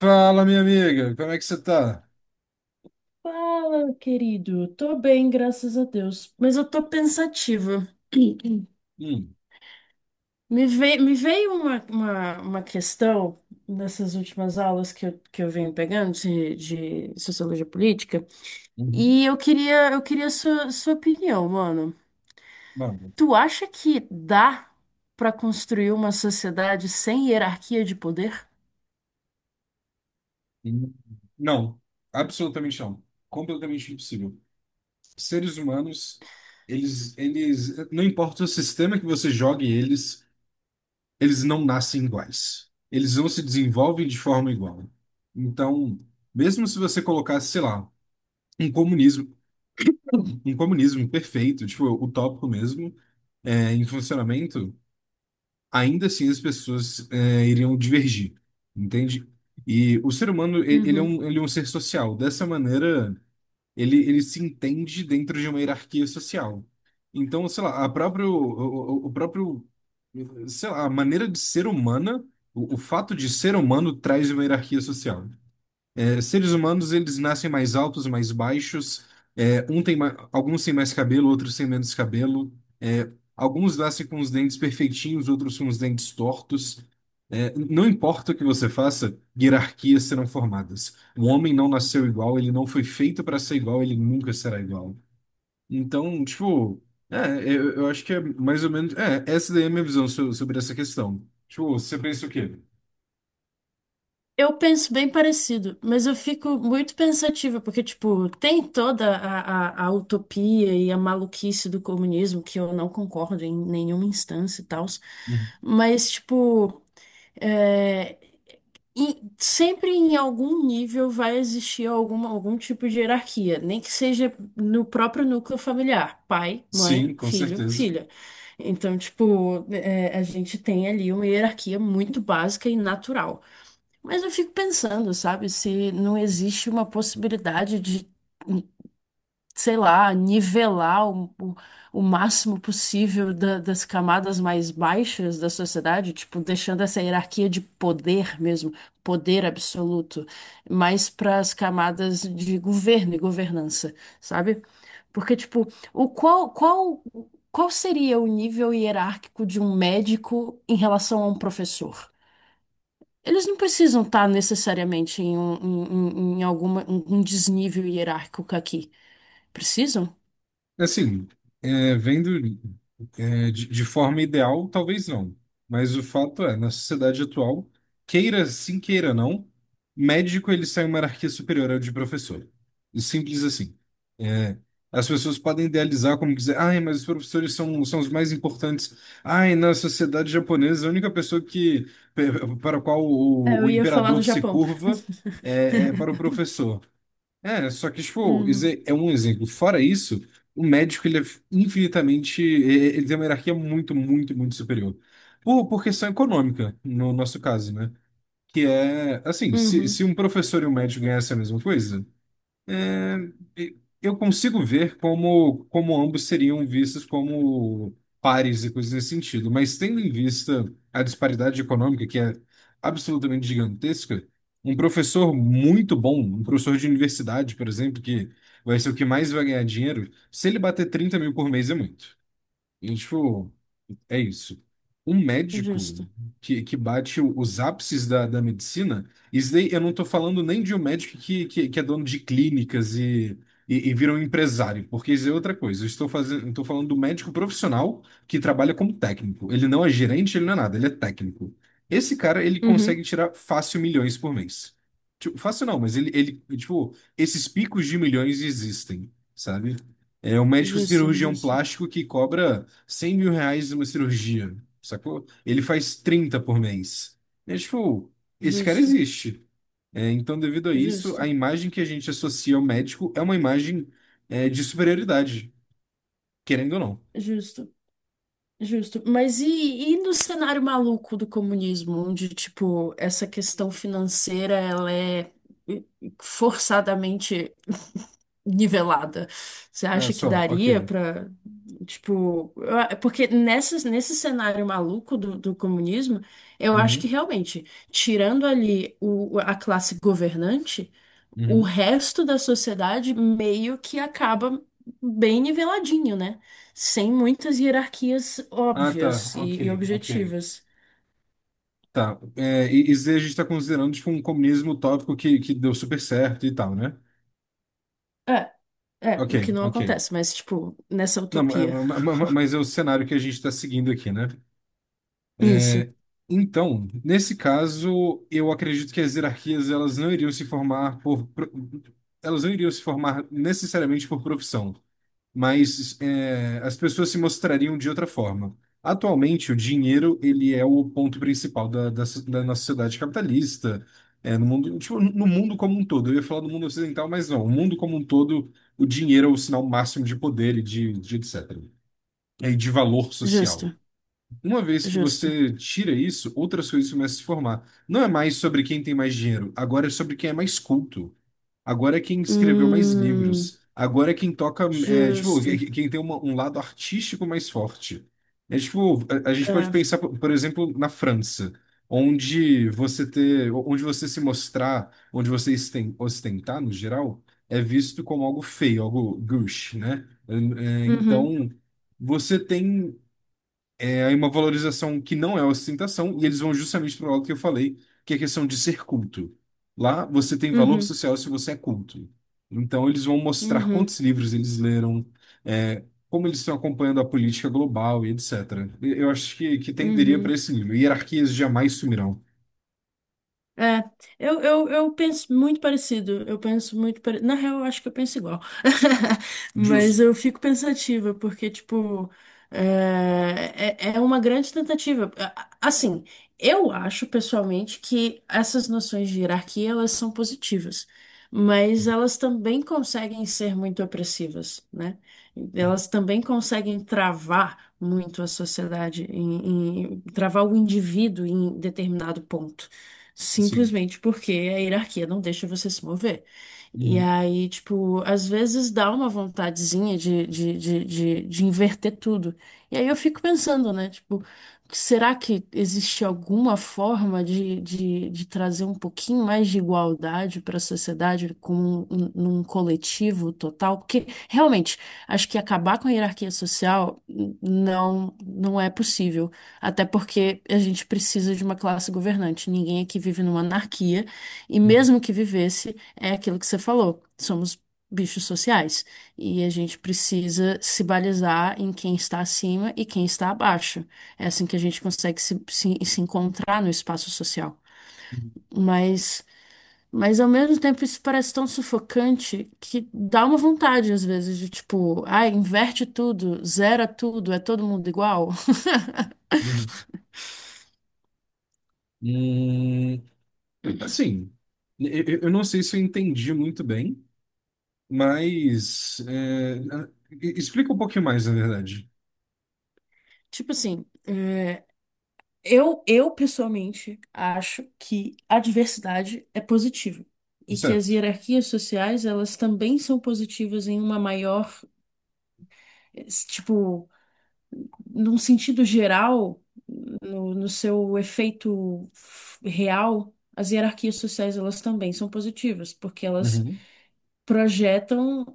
Fala, minha amiga, como é que você tá? Fala, querido. Tô bem, graças a Deus. Mas eu tô pensativa. Hum. Me veio uma questão nessas últimas aulas que eu venho pegando de sociologia política. Uhum. E eu queria sua opinião, mano. Não. Tu acha que dá pra construir uma sociedade sem hierarquia de poder? Uhum. Não, absolutamente não. Completamente impossível. Seres humanos, eles, não importa o sistema que você jogue eles, eles não nascem iguais. Eles não se desenvolvem de forma igual. Então, mesmo se você colocasse, sei lá, um comunismo, um comunismo perfeito, tipo, utópico mesmo, em funcionamento, ainda assim as pessoas iriam divergir, entende? E o ser humano, ele é Uhum. um, ele é um ser social. Dessa maneira, ele se entende dentro de uma hierarquia social. Então, sei lá, o próprio, sei lá, a maneira de ser humana, o fato de ser humano traz uma hierarquia social. Seres humanos, eles nascem mais altos, mais baixos. Alguns têm mais cabelo, outros têm menos cabelo. É, Alguns nascem com os dentes perfeitinhos, outros com os dentes tortos. Não importa o que você faça, hierarquias serão formadas. O homem não nasceu igual, ele não foi feito para ser igual, ele nunca será igual. Então, tipo, eu acho que é mais ou menos. Essa daí é a minha visão sobre essa questão. Tipo, você pensa o quê? Eu penso bem parecido, mas eu fico muito pensativa, porque, tipo, tem toda a utopia e a maluquice do comunismo, que eu não concordo em nenhuma instância e tal, Uhum. mas, tipo, é, e sempre em algum nível vai existir alguma, algum tipo de hierarquia, nem que seja no próprio núcleo familiar, pai, Sim, mãe, com filho, certeza. filha. Então, tipo, é, a gente tem ali uma hierarquia muito básica e natural. Mas eu fico pensando, sabe, se não existe uma possibilidade de, sei lá, nivelar o máximo possível das camadas mais baixas da sociedade, tipo, deixando essa hierarquia de poder mesmo, poder absoluto, mais para as camadas de governo e governança, sabe? Porque, tipo, o qual, qual, qual seria o nível hierárquico de um médico em relação a um professor? Eles não precisam estar necessariamente em alguma, um desnível hierárquico aqui. Precisam? Assim, vendo, de forma ideal, talvez não. Mas o fato é, na sociedade atual, queira sim, queira não, médico ele sai uma hierarquia superior ao de professor. E simples assim. É, As pessoas podem idealizar como quiser. Ai, mas os professores são os mais importantes. Ai, na sociedade japonesa, a única pessoa que, para a qual É, o, eu o ia falar do imperador se Japão. curva é para o professor. Só que, tipo, isso Uhum, é um exemplo. Fora isso, o médico, ele é infinitamente, ele tem uma hierarquia muito, muito, muito superior. Por questão econômica, no nosso caso, né? Que é, assim, se, uhum, se um professor e um médico ganhassem a mesma coisa, é, eu consigo ver como ambos seriam vistos como pares e coisas nesse sentido, mas tendo em vista a disparidade econômica, que é absolutamente gigantesca, um professor muito bom, um professor de universidade, por exemplo, que vai ser o que mais vai ganhar dinheiro, se ele bater 30 mil por mês é muito. E, tipo, é isso. Um médico justo, que bate os ápices da medicina, isso daí eu não tô falando nem de um médico que é dono de clínicas e, e vira um empresário, porque isso é outra coisa. Estou falando do médico profissional que trabalha como técnico. Ele não é gerente, ele não é nada, ele é técnico. Esse cara, ele consegue Uhum. tirar fácil milhões por mês. Tipo, fácil não, mas ele, tipo, esses picos de milhões existem, sabe? É um médico Justo, cirurgião justo, plástico que cobra 100 mil reais uma cirurgia, sacou? Ele faz 30 por mês. É tipo, esse cara justo, existe. Então, devido a isso, a justo, imagem que a gente associa ao médico é uma imagem, de superioridade, querendo ou não. justo, justo. Mas e no cenário maluco do comunismo, onde, tipo, essa questão financeira, ela é forçadamente nivelada. Você Ah, acha que só, ok. daria pra, tipo, porque nesse cenário maluco do comunismo, eu acho que Uhum, realmente, tirando ali a classe governante, o uhum. resto da sociedade meio que acaba bem niveladinho, né? Sem muitas hierarquias Ah, tá, óbvias ok, e ok. objetivas. Tá, isso aí a gente está considerando tipo, um comunismo utópico que deu super certo e tal, né? É, é, Ok, o que não ok. acontece, mas, tipo, nessa Não, ma- utopia. ma- ma- ma- mas é o cenário que a gente está seguindo aqui, né? Isso, Então, nesse caso, eu acredito que as hierarquias elas não iriam se formar elas não iriam se formar necessariamente por profissão, mas as pessoas se mostrariam de outra forma. Atualmente, o dinheiro ele é o ponto principal da nossa sociedade capitalista, no mundo, tipo, no mundo como um todo. Eu ia falar do mundo ocidental, mas não. O mundo como um todo, o dinheiro é o sinal máximo de poder e de etc. E de valor social. justo, Uma vez que justo. você tira isso, outras coisas começam a se formar. Não é mais sobre quem tem mais dinheiro, agora é sobre quem é mais culto. Agora é quem escreveu mais Hum. livros. Agora é quem toca, tipo, Justo. Quem tem um lado artístico mais forte. É tipo, a gente pode É. pensar, por exemplo, na França, onde você ter, onde você se mostrar, onde você ostentar, no geral, é visto como algo feio, algo gauche, né? Uhum, Então, você tem. É uma valorização que não é ostentação, e eles vão justamente para o lado que eu falei, que é a questão de ser culto. Lá você tem valor uhum, social se você é culto. Então eles vão mostrar uhum, quantos livros eles leram, é, como eles estão acompanhando a política global e etc. E eu acho que tenderia para uhum. esse livro. Hierarquias jamais sumirão. É, eu penso muito parecido. Eu penso muito pare... Na real, eu acho que eu penso igual. Mas Justo. eu fico pensativa, porque, tipo, é uma grande tentativa. Assim, eu acho pessoalmente que essas noções de hierarquia, elas são positivas, mas elas também conseguem ser muito opressivas, né? Elas também conseguem travar muito a sociedade, travar o indivíduo em determinado ponto Sim. simplesmente porque a hierarquia não deixa você se mover. E Uhum, aí, tipo, às vezes dá uma vontadezinha de inverter tudo. E aí eu fico pensando, né? Tipo, será que existe alguma forma de trazer um pouquinho mais de igualdade para a sociedade como num coletivo total? Porque realmente, acho que acabar com a hierarquia social não é possível. Até porque a gente precisa de uma classe governante. Ninguém aqui vive numa anarquia, e uhum, mesmo que vivesse, é aquilo que você falou. Somos bichos sociais. E a gente precisa se balizar em quem está acima e quem está abaixo. É assim que a gente consegue se encontrar no espaço social. uhum, Mas, mas ao mesmo tempo isso parece tão sufocante que dá uma vontade, às vezes, de tipo, ah, inverte tudo, zera tudo, é todo mundo igual. uhum. Hum, assim, eu não sei se eu entendi muito bem. Mas explica um pouquinho mais, na verdade. Tipo assim. É, eu pessoalmente acho que a diversidade é positiva e que as Certo. hierarquias sociais elas também são positivas em uma maior, tipo, num sentido geral, no seu efeito real, as hierarquias sociais elas também são positivas porque elas Uhum, projetam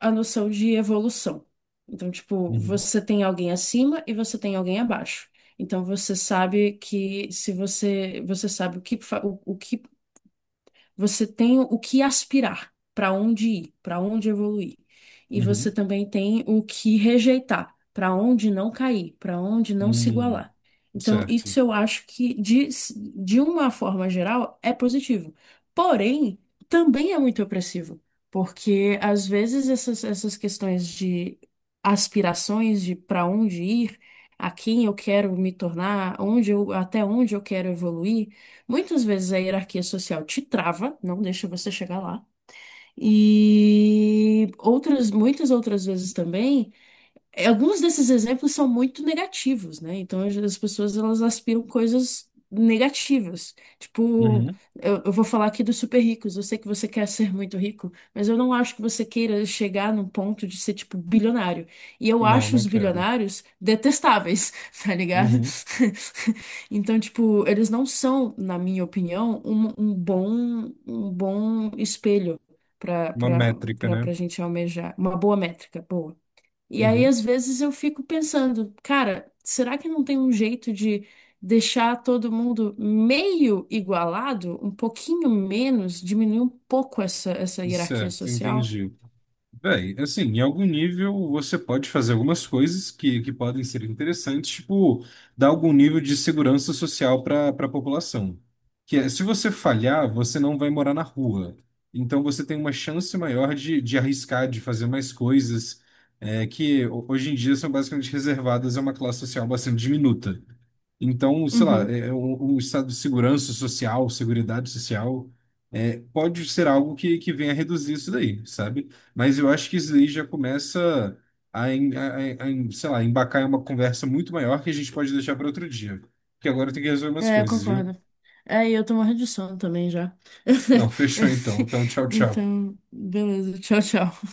a noção de evolução. Então, tipo, uhum, você tem alguém acima e você tem alguém abaixo. Então, você sabe que se você, você sabe o que, o que você tem o que aspirar, para onde ir, para onde evoluir. E uhum, você também tem o que rejeitar, para onde não cair, para onde não se uhum. igualar. Então, Certo. isso eu acho que, de uma forma geral, é positivo. Porém, também é muito opressivo, porque às vezes essas questões de aspirações, de para onde ir, a quem eu quero me tornar, onde eu, até onde eu quero evoluir. Muitas vezes a hierarquia social te trava, não deixa você chegar lá. E outras, muitas outras vezes também. É, alguns desses exemplos são muito negativos, né? Então as pessoas elas aspiram coisas negativas. Tipo, Uhum. eu vou falar aqui dos super ricos. Eu sei que você quer ser muito rico, mas eu não acho que você queira chegar num ponto de ser tipo bilionário. E eu Não, acho não os quero. bilionários detestáveis, tá ligado? Uhum. Então, tipo, eles não são, na minha opinião, um bom bom espelho para Uma métrica, né? pra gente almejar. Uma boa métrica, boa. E aí, Uhum. às vezes, eu fico pensando, cara, será que não tem um jeito de deixar todo mundo meio igualado, um pouquinho menos, diminuir um pouco essa hierarquia Certo, social? entendi. Bem, assim, em algum nível você pode fazer algumas coisas que podem ser interessantes, tipo, dar algum nível de segurança social para a população. Que é, se você falhar, você não vai morar na rua. Então você tem uma chance maior de arriscar, de fazer mais coisas, que hoje em dia são basicamente reservadas a uma classe social bastante diminuta. Então, sei lá, Uhum. o estado de segurança social, seguridade social, pode ser algo que venha a reduzir isso daí, sabe? Mas eu acho que isso daí já começa a, sei lá, embacar em uma conversa muito maior que a gente pode deixar para outro dia. Porque agora eu tenho que resolver umas É, eu coisas, viu? concordo. É, e eu tô morrendo de sono também já. Não, fechou então. Então, tchau, tchau. Então, beleza, tchau, tchau.